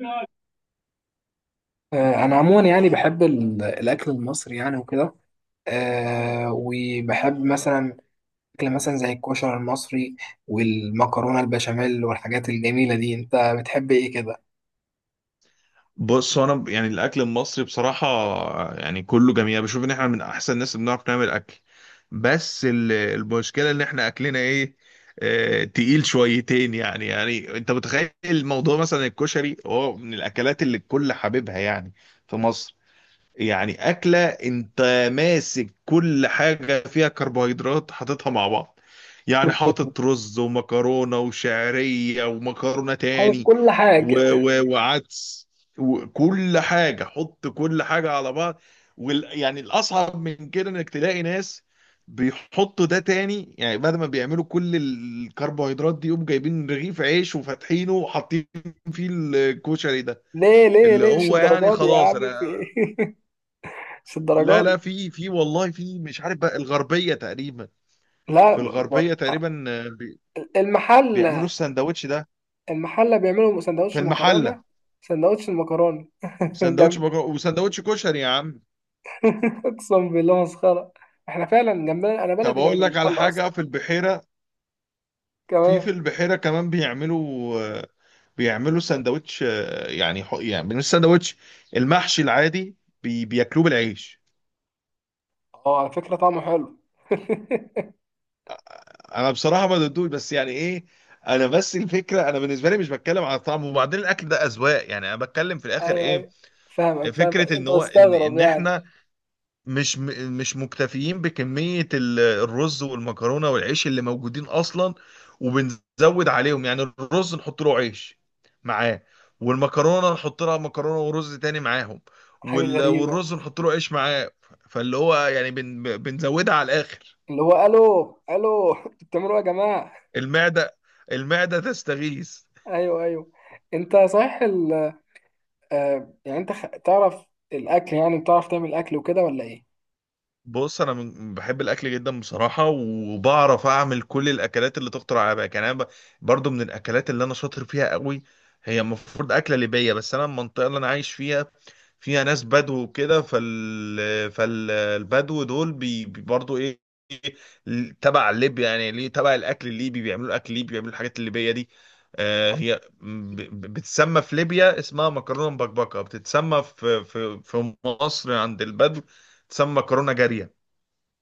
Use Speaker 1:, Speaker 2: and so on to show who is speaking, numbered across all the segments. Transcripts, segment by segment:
Speaker 1: آه، انا عموما يعني بحب الاكل المصري يعني وكده. وبحب مثلا اكل مثلا زي الكشري المصري والمكرونه البشاميل والحاجات الجميله دي، انت بتحب ايه كده؟
Speaker 2: بص هو انا يعني الاكل المصري بصراحه، يعني كله جميل. أنا بشوف ان احنا من احسن الناس اللي بنعرف نعمل اكل. بس المشكله ان احنا اكلنا ايه، تقيل شويتين، يعني انت متخيل الموضوع، مثلا الكشري هو من الاكلات اللي الكل حاببها، يعني في مصر. يعني أكلة أنت ماسك كل حاجة فيها كربوهيدرات حاططها مع بعض، يعني حاطط رز ومكرونة وشعرية ومكرونة
Speaker 1: حابب
Speaker 2: تاني
Speaker 1: كل
Speaker 2: و
Speaker 1: حاجه.
Speaker 2: و وعدس، وكل حاجة، حط كل حاجة على بعض. يعني الأصعب من كده إنك تلاقي ناس بيحطوا ده تاني، يعني بعد ما بيعملوا كل الكربوهيدرات دي يقوم جايبين رغيف عيش وفاتحينه وحاطين فيه الكشري ده،
Speaker 1: ليه ليه
Speaker 2: اللي
Speaker 1: ليه؟ مش
Speaker 2: هو يعني
Speaker 1: الدرجات دي يا
Speaker 2: خلاص
Speaker 1: عم، في
Speaker 2: انا.
Speaker 1: ايه؟ مش
Speaker 2: لا،
Speaker 1: الدرجات
Speaker 2: لا،
Speaker 1: دي.
Speaker 2: في والله، في مش عارف بقى الغربية تقريبا.
Speaker 1: لا.
Speaker 2: في
Speaker 1: ب-
Speaker 2: الغربية تقريبا، بيعملوا
Speaker 1: المحل
Speaker 2: السندوتش ده
Speaker 1: المحل بيعملوا
Speaker 2: في
Speaker 1: سندوتش
Speaker 2: المحلة.
Speaker 1: مكرونه، سندوتش المكرونه. جنب.
Speaker 2: وسندوتش كشري يا عم.
Speaker 1: اقسم بالله مسخره. احنا فعلا جنبنا، انا
Speaker 2: طب
Speaker 1: بلدي جنب
Speaker 2: أقول لك على
Speaker 1: المحل
Speaker 2: حاجة
Speaker 1: اصلا.
Speaker 2: في البحيرة. في
Speaker 1: كمان.
Speaker 2: في البحيرة كمان بيعملوا، بيعملوا سندوتش، يعني يعني مش سندوتش، المحشي العادي، بياكلوه بالعيش.
Speaker 1: اه، على فكرة طعمه حلو.
Speaker 2: أنا بصراحة ما ضدوش، بس يعني إيه، أنا بس الفكرة، أنا بالنسبة لي مش بتكلم على الطعم، وبعدين الأكل ده أذواق، يعني أنا بتكلم في الآخر
Speaker 1: ايوه
Speaker 2: إيه،
Speaker 1: ايوه، فاهمك فاهمك،
Speaker 2: فكرة ان
Speaker 1: انت
Speaker 2: هو، ان
Speaker 1: مستغرب
Speaker 2: ان
Speaker 1: يعني.
Speaker 2: احنا مش مكتفيين بكمية الرز والمكرونة والعيش اللي موجودين اصلا، وبنزود عليهم، يعني الرز نحط له عيش معاه، والمكرونة نحط لها مكرونة ورز تاني معاهم،
Speaker 1: حاجة غريبة.
Speaker 2: والرز نحط له عيش معاه، فاللي هو يعني بنزودها على الاخر.
Speaker 1: اللي هو الو الو انتوا بتعملوا ايه يا جماعة؟
Speaker 2: المعدة، المعدة تستغيث.
Speaker 1: ايوه ايوه. انت صحيح يعني انت تعرف الاكل يعني؟ بتعرف تعمل اكل وكده ولا ايه؟
Speaker 2: بص انا بحب الاكل جدا بصراحه، وبعرف اعمل كل الاكلات اللي تخطر على بالك، يعني انا برضو من الاكلات اللي انا شاطر فيها قوي. هي المفروض اكله ليبيه، بس انا المنطقه اللي انا عايش فيها فيها ناس بدو وكده، فالبدو دول برضو ايه، تبع ليبيا، يعني ليه تبع الاكل الليبي بيعملوا اكل ليبي، بيعملوا الحاجات الليبيه دي. هي بتسمى في ليبيا اسمها مكرونه مبكبكه، بتتسمى في مصر عند البدو تسمى مكرونه جاريه.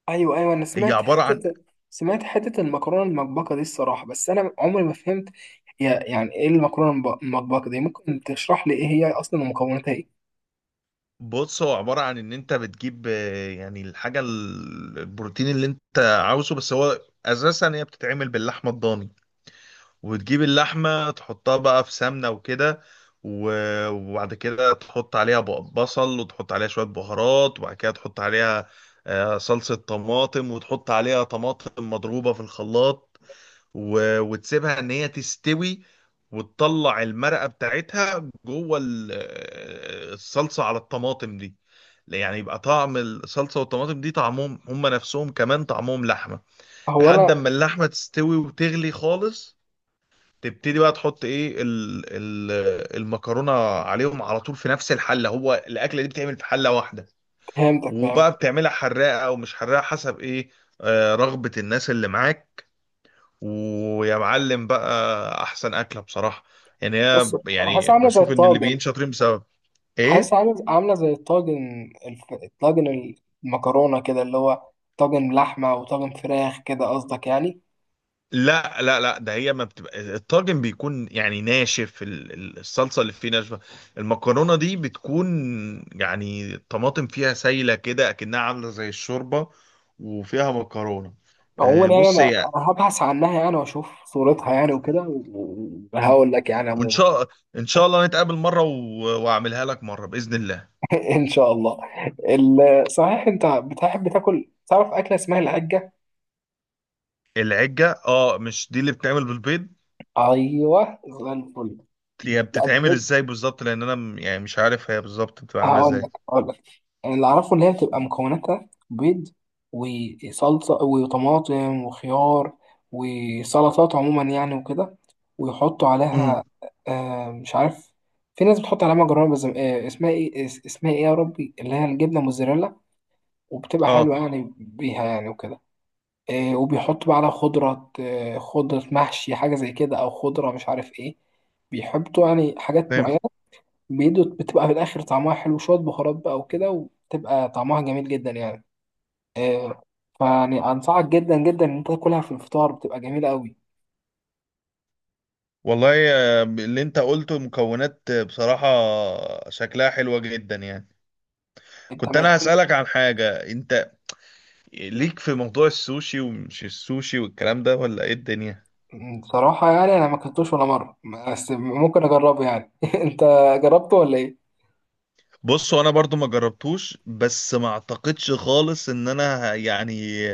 Speaker 1: ايوه ايوه، انا
Speaker 2: هي
Speaker 1: سمعت
Speaker 2: عبارة عن
Speaker 1: حتة، المكرونة المطبقة دي الصراحة، بس انا عمري ما فهمت هي يعني ايه المكرونة المطبقة دي. ممكن تشرح لي ايه هي اصلا ومكوناتها ايه؟
Speaker 2: بص هو عبارة عن ان انت بتجيب، يعني الحاجة البروتين اللي انت عاوزه، بس هو اساسا هي بتتعمل باللحمة الضاني، وتجيب اللحمة تحطها بقى في سمنة وكده، وبعد كده تحط عليها بصل، وتحط عليها شوية بهارات، وبعد كده تحط عليها صلصة طماطم، وتحط عليها طماطم مضروبة في الخلاط، وتسيبها ان هي تستوي، وتطلع المرقه بتاعتها جوه الصلصه على الطماطم دي، يعني يبقى طعم الصلصه والطماطم دي طعمهم هم نفسهم، كمان طعمهم لحمه.
Speaker 1: هو انا
Speaker 2: لحد اما اللحمه تستوي وتغلي خالص، تبتدي بقى تحط ايه المكرونه عليهم على طول في نفس الحله، هو الاكله دي بتعمل في حله واحده.
Speaker 1: فهمتك
Speaker 2: وبقى
Speaker 1: فهمتك.
Speaker 2: بتعملها حراقه او مش حراقه، حسب ايه، رغبه الناس اللي معاك، ويا معلم بقى احسن اكله بصراحه. يعني
Speaker 1: بص،
Speaker 2: هي،
Speaker 1: حاسس
Speaker 2: يعني
Speaker 1: عاملة زي
Speaker 2: بشوف ان
Speaker 1: الطاجن،
Speaker 2: الليبيين شاطرين، بسبب
Speaker 1: حاسس
Speaker 2: ايه.
Speaker 1: عامل عاملة زي الطاجن، الطاجن المكرونة كده، اللي هو طاجن لحمة وطاجن فراخ كده قصدك يعني؟
Speaker 2: لا، لا، لا، ده هي ما بتبقى، الطاجن بيكون يعني ناشف، الصلصه اللي فيه ناشفه. المكرونه دي بتكون، يعني الطماطم فيها سايله كده اكنها عامله زي الشوربه، وفيها مكرونه.
Speaker 1: عموما يعني
Speaker 2: بص
Speaker 1: أنا
Speaker 2: هي،
Speaker 1: أنا هبحث عنها يعني وأشوف صورتها يعني وكده، وهقول لك يعني
Speaker 2: وان
Speaker 1: عموما.
Speaker 2: شاء ان شاء الله نتقابل مره واعملها لك مره باذن الله.
Speaker 1: إن شاء الله. صحيح أنت بتحب تاكل، تعرف أكلة اسمها العجة؟
Speaker 2: العجه، اه، مش دي اللي بتتعمل بالبيض؟
Speaker 1: أيوه زي الفل.
Speaker 2: هي بتتعمل ازاي بالظبط؟ لان انا يعني مش عارف هي بالظبط بتبقى عامله
Speaker 1: هقول
Speaker 2: ازاي.
Speaker 1: لك هقول لك، اللي اعرفه ان هي بتبقى مكوناتها بيض وصلصه وطماطم وخيار وسلطات عموما يعني وكده، ويحطوا
Speaker 2: امم.
Speaker 1: عليها مش عارف، في ناس بتحط عليها مكرونه بس، اسمها ايه، اسمها ايه يا ربي، اللي هي الجبنه موزاريلا، وبتبقى حلوه
Speaker 2: اه،
Speaker 1: يعني بيها يعني وكده. وبيحطوا بقى على خضره، خضره محشي حاجه زي كده، او خضره مش عارف ايه، بيحطوا يعني حاجات معينه
Speaker 2: فهمت.
Speaker 1: بيدو، بتبقى في الاخر طعمها حلو، شويه بهارات بقى وكده، وبتبقى طعمها جميل جدا يعني. آه، فيعني انصحك جدا جدا ان انت تاكلها في الفطار، بتبقى جميله قوي.
Speaker 2: والله، اللي انت قلته مكونات، بصراحة شكلها حلوة جدا يعني.
Speaker 1: انت
Speaker 2: كنت
Speaker 1: ما
Speaker 2: انا
Speaker 1: أنت-
Speaker 2: هسألك عن حاجة، انت ليك في موضوع السوشي ومش السوشي والكلام ده ولا ايه الدنيا؟
Speaker 1: بصراحه يعني انا ما كنتوش ولا مره، بس ممكن اجربه يعني. انت جربته ولا ايه؟
Speaker 2: بص هو انا برضو ما جربتوش، بس ما اعتقدش خالص ان انا يعني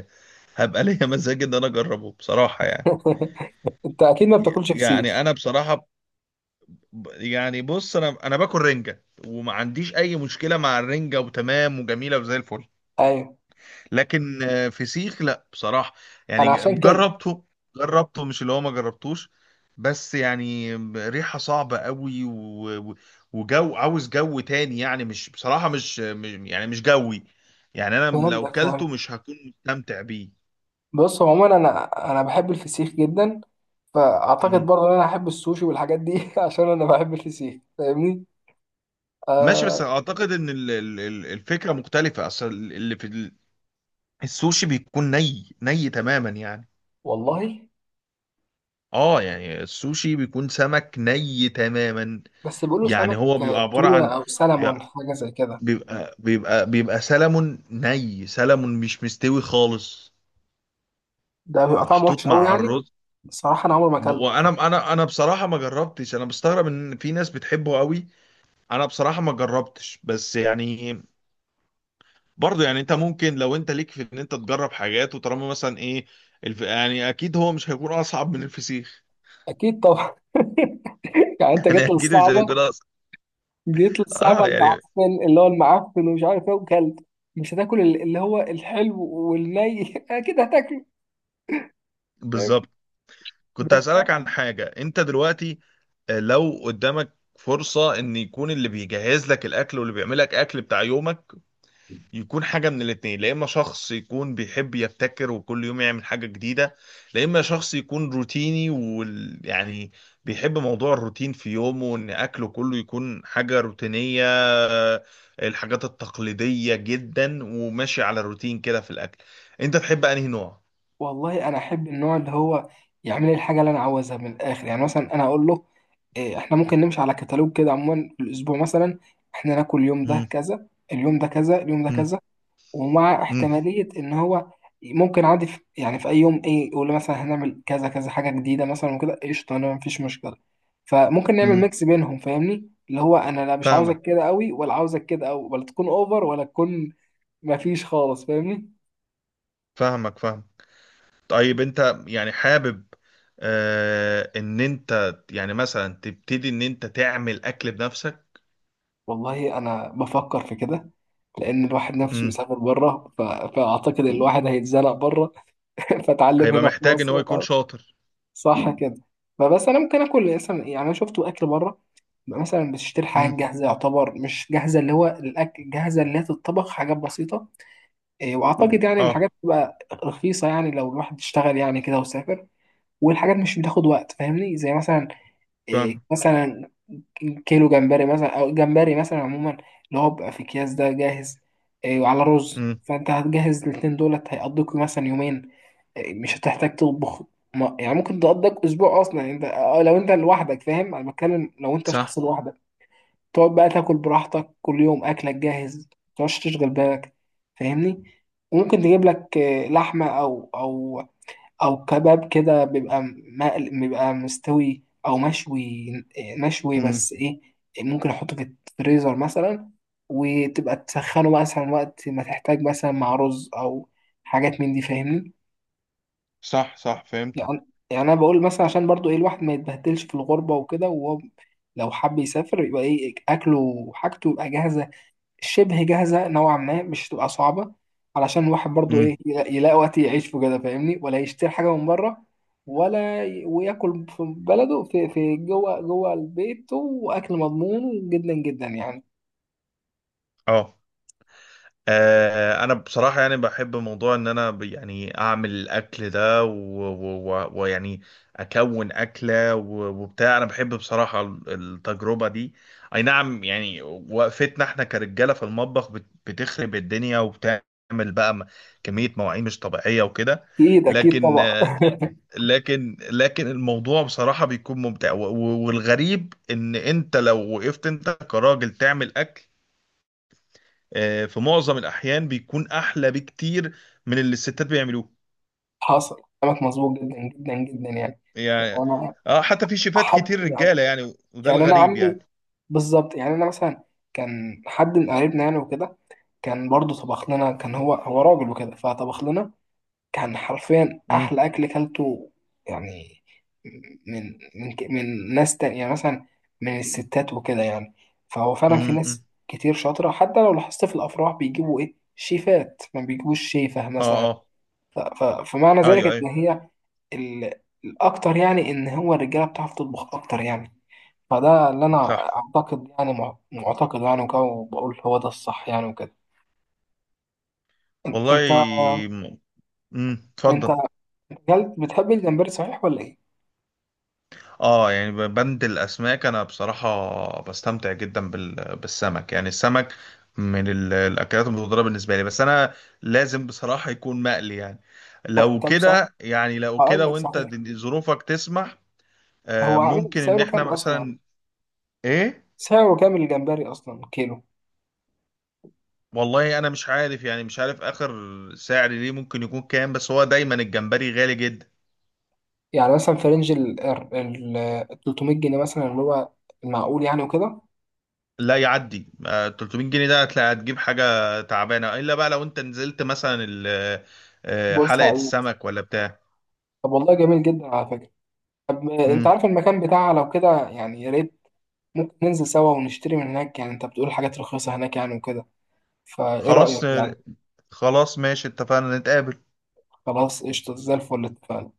Speaker 2: هبقى ليا مزاج ان انا اجربه بصراحة يعني.
Speaker 1: انت اكيد ما بتاكلش فسيخ.
Speaker 2: يعني انا بصراحة يعني بص، انا باكل رنجه، وما عنديش اي مشكله مع الرنجه، وتمام وجميله وزي الفل.
Speaker 1: ايوه،
Speaker 2: لكن فسيخ لا بصراحه، يعني
Speaker 1: انا عشان كده.
Speaker 2: جربته، جربته، مش اللي هو ما جربتوش، بس يعني ريحه صعبه قوي، وجو، عاوز جو تاني، يعني مش بصراحه، يعني مش جوي، يعني انا لو
Speaker 1: فهمتك فهمت.
Speaker 2: كلته مش هكون مستمتع بيه.
Speaker 1: بص عموما، انا بحب الفسيخ جدا، فاعتقد
Speaker 2: مم.
Speaker 1: برضه ان انا احب السوشي والحاجات دي عشان انا بحب الفسيخ، فاهمني؟
Speaker 2: ماشي، بس
Speaker 1: آه.
Speaker 2: اعتقد ان الفكره مختلفه، اصل اللي في السوشي بيكون ني تماما يعني.
Speaker 1: والله،
Speaker 2: اه، يعني السوشي بيكون سمك ني تماما.
Speaker 1: بس بيقولوا
Speaker 2: يعني
Speaker 1: سمك
Speaker 2: هو بيبقى عبارة
Speaker 1: تونة
Speaker 2: عن،
Speaker 1: أو
Speaker 2: بيبقى
Speaker 1: سلمون حاجة زي كده.
Speaker 2: بيبقى سلمون ني، سلمون مش مستوي خالص،
Speaker 1: ده بيبقى طعمه وحش
Speaker 2: محطوط
Speaker 1: أوي
Speaker 2: مع
Speaker 1: يعني.
Speaker 2: الرز.
Speaker 1: الصراحة أنا عمري ما أكلته.
Speaker 2: وانا انا انا بصراحة ما جربتش، انا بستغرب ان في ناس بتحبه قوي. انا بصراحة ما جربتش، بس يعني برضه، يعني انت ممكن لو انت ليك في ان انت تجرب حاجات، وطالما مثلا ايه، يعني اكيد هو مش هيكون اصعب من الفسيخ.
Speaker 1: أكيد طبعا. يعني أنت
Speaker 2: يعني
Speaker 1: جيت
Speaker 2: اكيد مش
Speaker 1: للصعبة
Speaker 2: هيكون اصعب.
Speaker 1: جيت للصعبة
Speaker 2: اه، يعني
Speaker 1: المعفن، اللي هو المعفن ومش عارف إيه، وكلت. مش هتاكل اللي هو الحلو والني؟ أكيد هتاكله. فاهم؟
Speaker 2: بالظبط. كنت هسألك عن حاجة انت دلوقتي، لو قدامك فرصة ان يكون اللي بيجهز لك الاكل واللي بيعمل لك اكل بتاع يومك، يكون حاجة من الاتنين، لا اما شخص يكون بيحب يبتكر وكل يوم يعمل حاجة جديدة، لا اما شخص يكون روتيني ويعني، يعني بيحب موضوع الروتين في يومه وان اكله كله يكون حاجة روتينية، الحاجات التقليدية جدا، وماشي على الروتين كده في الاكل، انت تحب انهي نوع؟
Speaker 1: والله أنا أحب النوع اللي هو يعمل لي الحاجة اللي أنا عاوزها من الآخر يعني. مثلا أنا أقول له إيه، احنا ممكن نمشي على كتالوج كده عموما في الاسبوع مثلا، احنا ناكل اليوم ده
Speaker 2: مم.
Speaker 1: كذا، اليوم ده كذا، اليوم ده
Speaker 2: مم.
Speaker 1: كذا. ومع
Speaker 2: امم.
Speaker 1: احتمالية إن هو ممكن عادي في أي يوم إيه يقول لي مثلا هنعمل كذا كذا حاجة جديدة مثلا وكده، قشطة، أنا مفيش مشكلة. فممكن نعمل
Speaker 2: امم.
Speaker 1: ميكس بينهم، فاهمني؟ اللي هو أنا لا مش
Speaker 2: فاهمك،
Speaker 1: عاوزك كده أوي، ولا عاوزك كده أوي، ولا تكون أوفر، ولا تكون مفيش خالص، فاهمني؟
Speaker 2: فاهمك فاهم. طيب، انت يعني حابب، ان انت يعني مثلا تبتدي ان انت تعمل اكل بنفسك؟
Speaker 1: والله أنا بفكر في كده، لأن الواحد نفسه
Speaker 2: امم.
Speaker 1: يسافر بره، فأعتقد الواحد هيتزنق بره. فأتعلم
Speaker 2: هيبقى
Speaker 1: هنا في
Speaker 2: محتاج ان
Speaker 1: مصر.
Speaker 2: هو يكون شاطر.
Speaker 1: صح كده. فبس انا ممكن اكل مثلا يعني، انا شفت اكل بره بيبقى مثلا بتشتري حاجات
Speaker 2: امم.
Speaker 1: جاهزه، يعتبر مش جاهزه، اللي هو الاكل جاهزه اللي هي تتطبخ حاجات بسيطه. إيه، واعتقد يعني
Speaker 2: اه،
Speaker 1: الحاجات بتبقى رخيصه، يعني لو الواحد اشتغل يعني كده وسافر، والحاجات مش بتاخد وقت، فاهمني؟ زي مثلا إيه،
Speaker 2: فاهم.
Speaker 1: مثلا كيلو جمبري مثلا، او جمبري مثلا عموما، اللي هو بيبقى في اكياس ده جاهز. إيه، وعلى رز،
Speaker 2: امم.
Speaker 1: فانت هتجهز الاتنين دولت هيقضيك مثلا يومين. مش هتحتاج تطبخ، ما يعني ممكن تقضيك اسبوع اصلا، يعني انت لو انت لوحدك، فاهم؟ انا بتكلم لو انت
Speaker 2: صح.
Speaker 1: شخص لوحدك، تقعد بقى تاكل براحتك، كل يوم اكلك جاهز، ما تقعدش تشغل بالك، فاهمني؟ وممكن تجيب لك لحمه، او كباب كده، بيبقى مقل، بيبقى مستوي او مشوي. مشوي،
Speaker 2: امم.
Speaker 1: بس ايه، ممكن احطه في الفريزر مثلا، وتبقى تسخنه مثلا وقت ما تحتاج، مثلا مع رز او حاجات من دي، فاهمني؟
Speaker 2: صح، صح، فهمت.
Speaker 1: يعني انا بقول مثلا عشان برضو ايه، الواحد ما يتبهدلش في الغربه وكده، وهو لو حب يسافر يبقى ايه اكله وحاجته يبقى جاهزه، شبه جاهزه نوعا ما، مش تبقى صعبه، علشان الواحد برضو ايه
Speaker 2: امم.
Speaker 1: يلاقي وقت يعيش في كده، فاهمني؟ ولا يشتري حاجه من بره، ولا وياكل في بلده في جوه جوه البيت، واكل مضمون جدا جدا يعني.
Speaker 2: اه. انا بصراحه يعني بحب موضوع ان انا يعني اعمل الاكل ده ويعني اكون اكله وبتاع، انا بحب بصراحه التجربه دي. اي نعم، يعني وقفتنا احنا كرجاله في المطبخ بتخرب الدنيا وبتعمل بقى كميه مواعين مش طبيعيه وكده.
Speaker 1: اكيد اكيد
Speaker 2: لكن
Speaker 1: طبعا.
Speaker 2: آه، لكن لكن الموضوع بصراحه بيكون ممتع، والغريب ان انت لو وقفت انت كراجل تعمل اكل، في معظم الأحيان بيكون أحلى بكتير من اللي الستات بيعملوه.
Speaker 1: حصل، كلامك مظبوط جدا جدا جدا يعني. يعني
Speaker 2: يعني،
Speaker 1: انا
Speaker 2: اه، حتى في شيفات
Speaker 1: احب
Speaker 2: كتير
Speaker 1: يعني.
Speaker 2: رجالة يعني، وده
Speaker 1: يعني انا
Speaker 2: الغريب
Speaker 1: عمي،
Speaker 2: يعني.
Speaker 1: بالظبط. يعني انا مثلا كان حد من قرايبنا يعني وكده، كان برضه طبخ لنا، كان هو راجل وكده، فطبخ لنا كان حرفيا
Speaker 2: امم.
Speaker 1: احلى اكل كلته. يعني من ناس تانية يعني، مثلا من الستات وكده يعني. فهو فعلا في ناس
Speaker 2: امم.
Speaker 1: كتير شاطرة، حتى لو لاحظت في الافراح بيجيبوا ايه، شيفات، ما بيجيبوش شيفة مثلا.
Speaker 2: اه. اه.
Speaker 1: ف- ف- فمعنى
Speaker 2: ايوه،
Speaker 1: ذلك
Speaker 2: ايوه.
Speaker 1: ان هي ال- الاكتر يعني ان هو الرجالة بتعرف تطبخ اكتر يعني. فده اللي انا
Speaker 2: صح.
Speaker 1: اعتقد يعني، معتقد يعني وكده، وبقول هو ده الصح يعني وكده. انت
Speaker 2: والله. امم.
Speaker 1: انت
Speaker 2: اتفضل.
Speaker 1: جلد، بتحب الجمبري صحيح ولا ايه؟
Speaker 2: اه، يعني بند الاسماك انا بصراحه بستمتع جدا بالسمك، يعني السمك من الاكلات المفضله بالنسبه لي، بس انا لازم بصراحه يكون مقلي يعني، لو
Speaker 1: طب صحيح،
Speaker 2: كده يعني لو
Speaker 1: هقول
Speaker 2: كده
Speaker 1: لك
Speaker 2: وانت
Speaker 1: صحيح،
Speaker 2: ظروفك تسمح،
Speaker 1: هو عامل
Speaker 2: ممكن ان
Speaker 1: سعره
Speaker 2: احنا
Speaker 1: كام اصلا؟
Speaker 2: مثلا ايه.
Speaker 1: سعره كام الجمبري اصلا كيلو؟
Speaker 2: والله انا مش عارف اخر سعر ليه ممكن يكون كام، بس هو دايما الجمبري غالي جدا.
Speaker 1: يعني مثلا في رينج 300 جنيه مثلا، اللي هو المعقول يعني وكده،
Speaker 2: لا، يعدي 300 جنيه، ده هتلاقي هتجيب حاجة تعبانة، الا بقى لو انت نزلت مثلا حلقة
Speaker 1: بورسعيد.
Speaker 2: السمك ولا بتاع.
Speaker 1: طب والله جميل جدا على فكرة. طب انت
Speaker 2: مم.
Speaker 1: عارف المكان بتاعها لو كده يعني، يا ريت ممكن ننزل سوا ونشتري من هناك يعني، انت بتقول حاجات رخيصة هناك يعني وكده، فايه رأيك
Speaker 2: خلاص آه،
Speaker 1: يعني؟
Speaker 2: خلاص ماشي، اتفقنا نتقابل.
Speaker 1: خلاص قشطة زي الفل، اتفقنا.